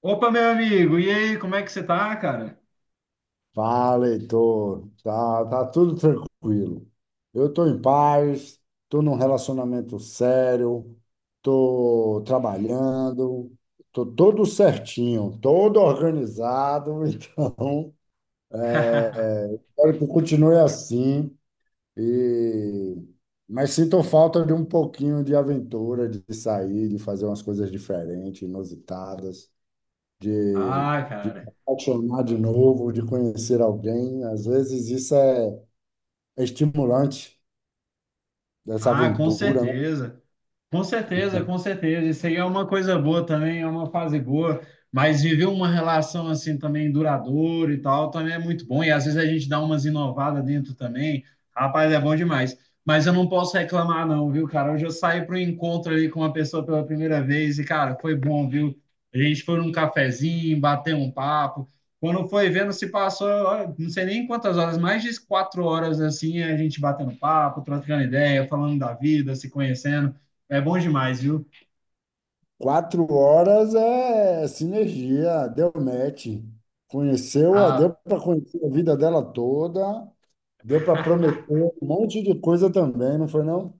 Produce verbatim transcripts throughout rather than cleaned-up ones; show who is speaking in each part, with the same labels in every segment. Speaker 1: Opa, meu amigo, e aí, como é que você tá, cara?
Speaker 2: Fala, Heitor. Tá, tá tudo tranquilo. Eu estou em paz, estou num relacionamento sério, estou trabalhando, estou todo certinho, todo organizado, então espero que continue assim. E... Mas sinto falta de um pouquinho de aventura, de sair, de fazer umas coisas diferentes, inusitadas, de,
Speaker 1: Ah,
Speaker 2: de me
Speaker 1: cara.
Speaker 2: apaixonar de novo, de conhecer alguém. Às vezes isso é estimulante dessa
Speaker 1: Ah, com
Speaker 2: aventura, né?
Speaker 1: certeza. Com certeza, com certeza. Isso aí é uma coisa boa também, é uma fase boa. Mas viver uma relação assim também duradoura e tal também é muito bom. E às vezes a gente dá umas inovadas dentro também. Rapaz, é bom demais. Mas eu não posso reclamar, não, viu, cara? Hoje eu saí para um encontro ali com uma pessoa pela primeira vez e, cara, foi bom, viu? A gente foi num cafezinho, bateu um papo. Quando foi vendo, se passou, olha, não sei nem quantas horas, mais de quatro horas assim, a gente batendo papo, trocando ideia, falando da vida, se conhecendo. É bom demais, viu?
Speaker 2: Quatro horas é sinergia, deu match. Conheceu, a- deu
Speaker 1: Ah,
Speaker 2: para conhecer a vida dela toda, deu para prometer um monte de coisa também, não foi não?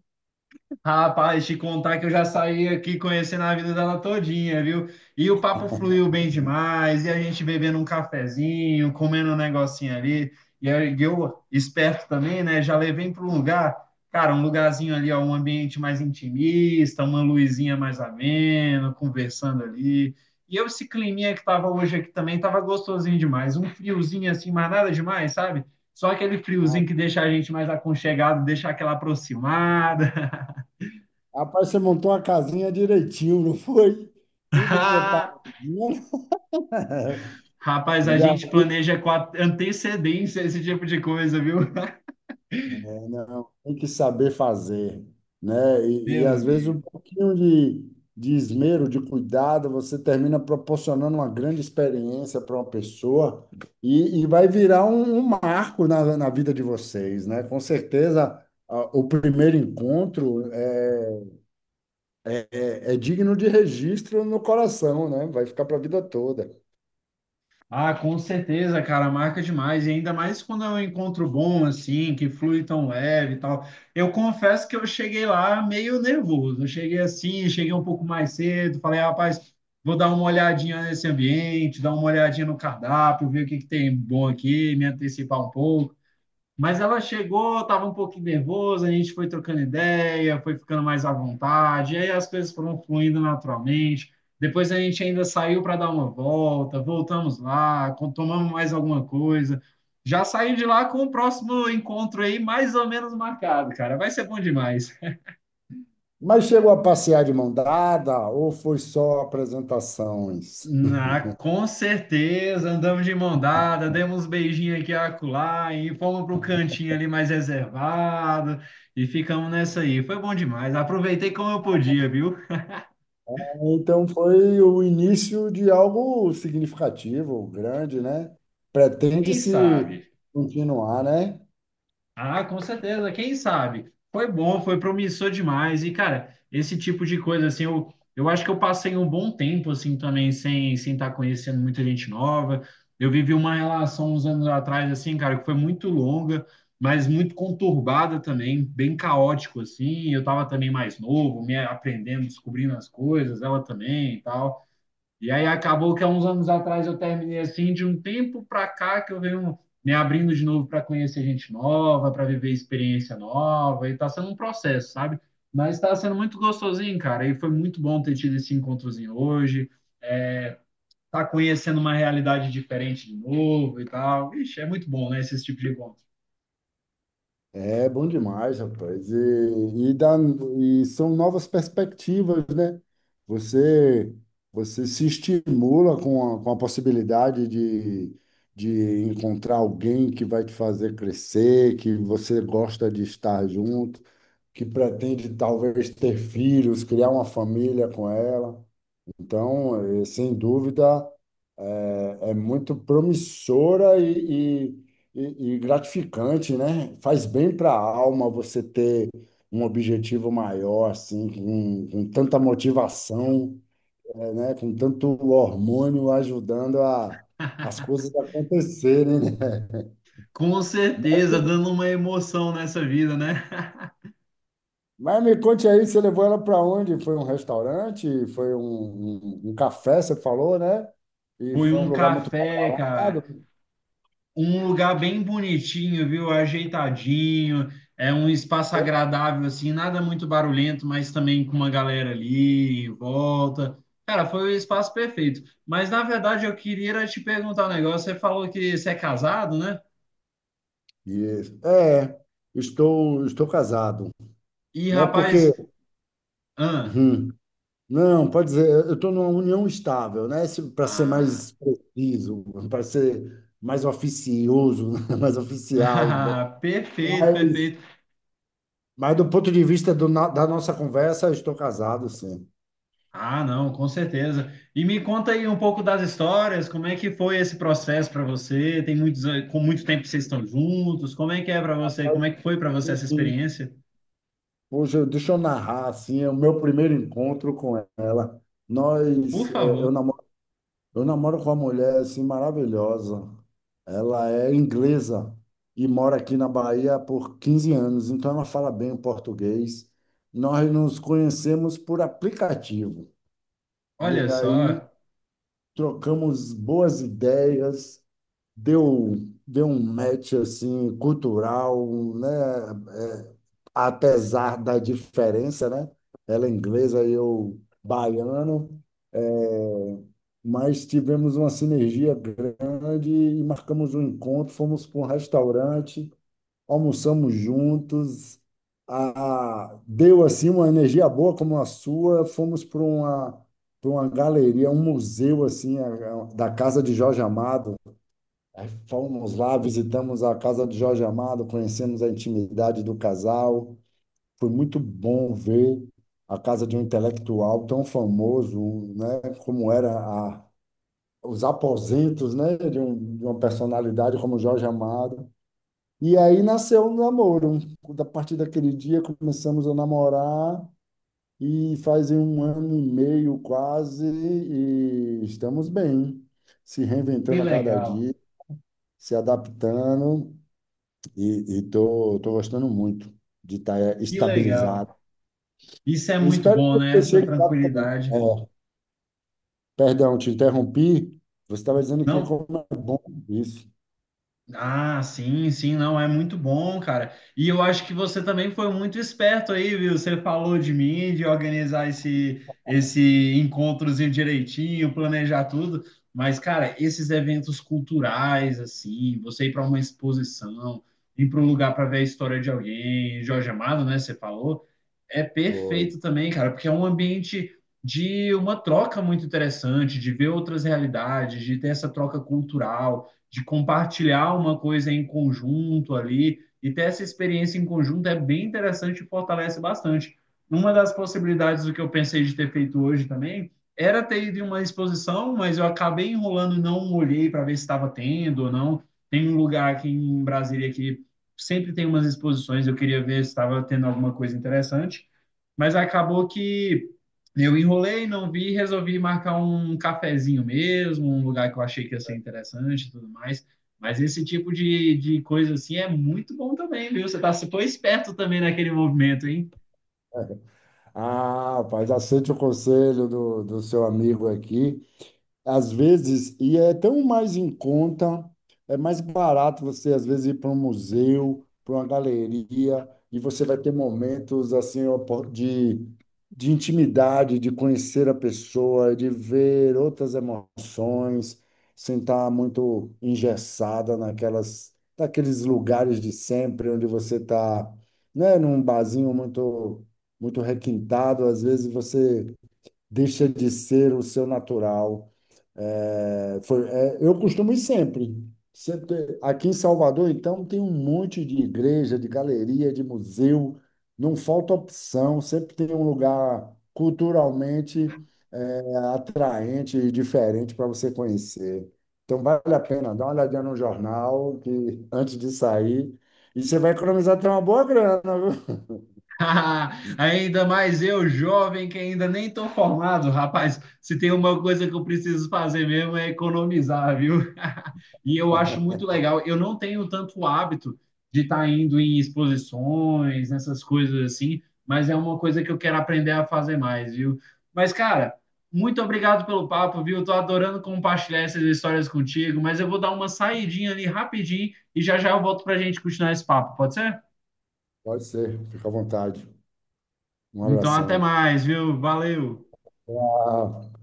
Speaker 1: rapaz, te contar que eu já saí aqui conhecendo a vida dela todinha, viu? E o papo fluiu bem demais, e a gente bebendo um cafezinho, comendo um negocinho ali. E aí eu, esperto também, né? Já levei para um lugar, cara, um lugarzinho ali, ó, um ambiente mais intimista, uma luzinha mais amena, conversando ali. E eu, esse climinha que tava hoje aqui também, tava gostosinho demais. Um friozinho assim, mas nada demais, sabe? Só aquele
Speaker 2: Ah,
Speaker 1: friozinho que deixa a gente mais aconchegado, deixa aquela aproximada.
Speaker 2: Rapaz, você montou uma casinha direitinho, não foi? Tudo
Speaker 1: Ah,
Speaker 2: preparadinho.
Speaker 1: rapaz, a
Speaker 2: Já
Speaker 1: gente planeja com a- antecedência esse tipo de coisa, viu?
Speaker 2: É Não, tem que saber fazer, né? E, e,
Speaker 1: Meu
Speaker 2: às vezes
Speaker 1: amigo.
Speaker 2: um pouquinho de, de esmero, de cuidado, você termina proporcionando uma grande experiência para uma pessoa e, e vai virar um, um marco na, na vida de vocês, né? Com certeza, a- o primeiro encontro é, é, é é digno de registro no coração, né? Vai ficar para a vida toda.
Speaker 1: Ah, com certeza, cara, marca demais. E ainda mais quando é um encontro bom, assim, que flui tão leve e tal. Eu confesso que eu cheguei lá meio nervoso. Eu cheguei assim, cheguei um pouco mais cedo. Falei, "Ah, rapaz, vou dar uma olhadinha nesse ambiente, dar uma olhadinha no cardápio, ver o que que tem bom aqui, me antecipar um pouco. Mas ela chegou, estava um pouquinho nervosa, a gente foi trocando ideia, foi ficando mais à vontade, e aí as coisas foram fluindo naturalmente. Depois a gente ainda saiu para dar uma volta, voltamos lá, com- tomamos mais alguma coisa. Já saí de lá com o próximo encontro aí mais ou menos marcado, cara. Vai ser bom demais.
Speaker 2: Mas chegou a passear de mão dada ou foi só apresentações?
Speaker 1: Ah, com certeza, andamos de mão dada, demos um beijinho aqui e acolá e fomos para o cantinho ali mais reservado e ficamos nessa aí. Foi bom demais, aproveitei como eu podia, viu?
Speaker 2: Então foi o início de algo significativo, grande, né?
Speaker 1: Quem
Speaker 2: Pretende-se
Speaker 1: sabe?
Speaker 2: continuar, né?
Speaker 1: Ah, com certeza, quem sabe? Foi bom, foi promissor demais. E, cara, esse tipo de coisa, assim, eu, eu acho que eu passei um bom tempo, assim, também, sem sem estar conhecendo muita gente nova. Eu vivi uma relação uns anos atrás, assim, cara, que foi muito longa, mas muito conturbada também, bem caótico, assim. Eu tava também mais novo, me aprendendo, descobrindo as coisas, ela também e tal. E aí acabou que há uns anos atrás eu terminei assim, de um tempo para cá que eu venho me abrindo de novo para conhecer gente nova, para viver experiência nova, e tá sendo um processo, sabe? Mas está sendo muito gostosinho, cara, e foi muito bom ter tido esse encontrozinho hoje, é, tá conhecendo uma realidade diferente de novo e tal. Ixi, é muito bom, né, esse tipo de encontro.
Speaker 2: É bom demais, rapaz. E, e, dá, e são novas perspectivas, né? Você, Você se estimula com a, com a possibilidade de, de encontrar alguém que vai te fazer crescer, que você gosta de estar junto, que pretende talvez ter filhos, criar uma família com ela. Então, eh, sem dúvida, é é muito promissora e, e, e- e gratificante, né? Faz bem para a alma você ter um objetivo maior, assim, com, com tanta motivação, eh, né? Com tanto hormônio ajudando a, as coisas acontecerem, né?
Speaker 1: Com certeza, dando uma emoção nessa vida, né?
Speaker 2: Mas me conte aí, você levou ela para onde? Foi um restaurante? Foi um, um, um café, você falou, né? E
Speaker 1: Foi
Speaker 2: foi um
Speaker 1: um
Speaker 2: lugar muito
Speaker 1: café, cara.
Speaker 2: badalado?
Speaker 1: Um lugar bem bonitinho, viu? Ajeitadinho, é um espaço agradável, assim, nada muito barulhento, mas também com uma galera ali em volta. Cara, foi o espaço perfeito. Mas na verdade eu queria era te perguntar um negócio. Você falou que você é casado, né?
Speaker 2: Isso. É, estou, estou casado,
Speaker 1: E
Speaker 2: né?
Speaker 1: rapaz,
Speaker 2: Porque,
Speaker 1: ah,
Speaker 2: hum, não, pode dizer, eu estou numa união estável, né? Para ser
Speaker 1: ah,
Speaker 2: mais preciso, para ser mais oficioso, né? Mais oficial,
Speaker 1: perfeito,
Speaker 2: mas,
Speaker 1: perfeito.
Speaker 2: mas do ponto de vista do na- da nossa conversa, eu estou casado, sim.
Speaker 1: Ah, não, com certeza. E me conta aí um pouco das histórias, como é que foi esse processo para você? Tem muitos, an- com muito tempo que vocês estão juntos. Como é que é para você? Como é que foi para você essa
Speaker 2: Hum,
Speaker 1: experiência?
Speaker 2: Hoje, eu- deixa eu narrar, assim, o meu primeiro encontro com ela.
Speaker 1: Por
Speaker 2: Nós, eh, eu
Speaker 1: favor.
Speaker 2: namorava Eu namoro com uma mulher assim maravilhosa. Ela é inglesa e mora aqui na Bahia por quinze anos, então ela fala bem o português. Nós nos conhecemos por aplicativo e
Speaker 1: Olha
Speaker 2: aí
Speaker 1: só,
Speaker 2: trocamos boas ideias, deu, deu um match assim cultural, né? É, apesar da diferença, né? Ela é inglesa e eu baiano, é, mas tivemos uma sinergia grande e marcamos um encontro, fomos para um restaurante, almoçamos juntos, a, deu assim uma energia boa como a sua, fomos para uma para uma galeria, um museu assim a- a- da casa de Jorge Amado. Aí fomos lá, visitamos a casa de Jorge Amado, conhecemos a intimidade do casal. Foi muito bom ver a casa de um intelectual tão famoso, né, como era a, os aposentos, né, de, um- de uma personalidade como Jorge Amado. E aí nasceu o namoro. A partir daquele dia começamos a namorar e fazem um ano e meio quase e estamos bem, se
Speaker 1: que
Speaker 2: reinventando a cada
Speaker 1: legal,
Speaker 2: dia, se adaptando. E estou tô, tô gostando muito de estar
Speaker 1: que legal.
Speaker 2: estabilizado.
Speaker 1: Isso é
Speaker 2: Eu
Speaker 1: muito
Speaker 2: espero que
Speaker 1: bom, né?
Speaker 2: você
Speaker 1: Essa
Speaker 2: chegue lá também.
Speaker 1: tranquilidade.
Speaker 2: É, perdão, te interrompi. Você estava dizendo que
Speaker 1: Não.
Speaker 2: como é bom isso.
Speaker 1: Ah, sim, sim, não, é muito bom, cara. E eu acho que você também foi muito esperto aí, viu? Você falou de mim, de organizar esse, esse encontrozinho direitinho, planejar tudo. Mas, cara, esses eventos culturais, assim, você ir para uma exposição, ir para um lugar para ver a história de alguém, Jorge Amado, né? Você falou, é
Speaker 2: Foi.
Speaker 1: perfeito também, cara, porque é um ambiente de uma troca muito interessante, de ver outras realidades, de ter essa troca cultural de compartilhar uma coisa em conjunto ali e ter essa experiência em conjunto é bem interessante e fortalece bastante. Uma das possibilidades do que eu pensei de ter feito hoje também era ter ido em uma exposição, mas eu acabei enrolando e não olhei para ver se estava tendo ou não. Tem um lugar aqui em Brasília que sempre tem umas exposições, eu queria ver se estava tendo alguma coisa interessante, mas acabou que eu enrolei, não vi, resolvi marcar um cafezinho mesmo, um lugar que eu achei que ia ser interessante e tudo mais. Mas esse tipo de, de coisa assim é muito bom também, viu? Você tá, você foi esperto também naquele movimento, hein?
Speaker 2: Ah, rapaz, aceite o conselho do, do seu amigo aqui. Às vezes, e é tão mais em conta, é mais barato você, às vezes, ir para um museu, para uma galeria, e você vai ter momentos assim ó, po- de, de intimidade, de conhecer a pessoa, de ver outras emoções, sem estar muito engessada naquelas, naqueles lugares de sempre, onde você está, né, num barzinho muito, muito requintado, às vezes você deixa de ser o seu natural. É, foi- é, eu costumo ir sempre. Sempre- Aqui em Salvador, então, tem um monte de igreja, de galeria, de museu. Não falta opção. Sempre tem um lugar culturalmente é, atraente e diferente para você conhecer. Então, vale a pena dar uma olhadinha no jornal que, antes de sair. E você vai economizar até uma boa grana, viu?
Speaker 1: Ainda mais eu, jovem, que ainda nem tô formado, rapaz. Se tem uma coisa que eu preciso fazer mesmo é economizar, viu? E eu acho muito legal. Eu não tenho tanto hábito de estar indo em exposições, nessas coisas assim, mas é uma coisa que eu quero aprender a fazer mais, viu? Mas, cara, muito obrigado pelo papo, viu? Tô adorando compartilhar essas histórias contigo, mas eu vou dar uma saidinha ali rapidinho e já já eu volto pra gente continuar esse papo, pode ser?
Speaker 2: Pode ser. Fica à vontade. Um
Speaker 1: Então, até
Speaker 2: abração.
Speaker 1: mais, viu? Valeu!
Speaker 2: Ah,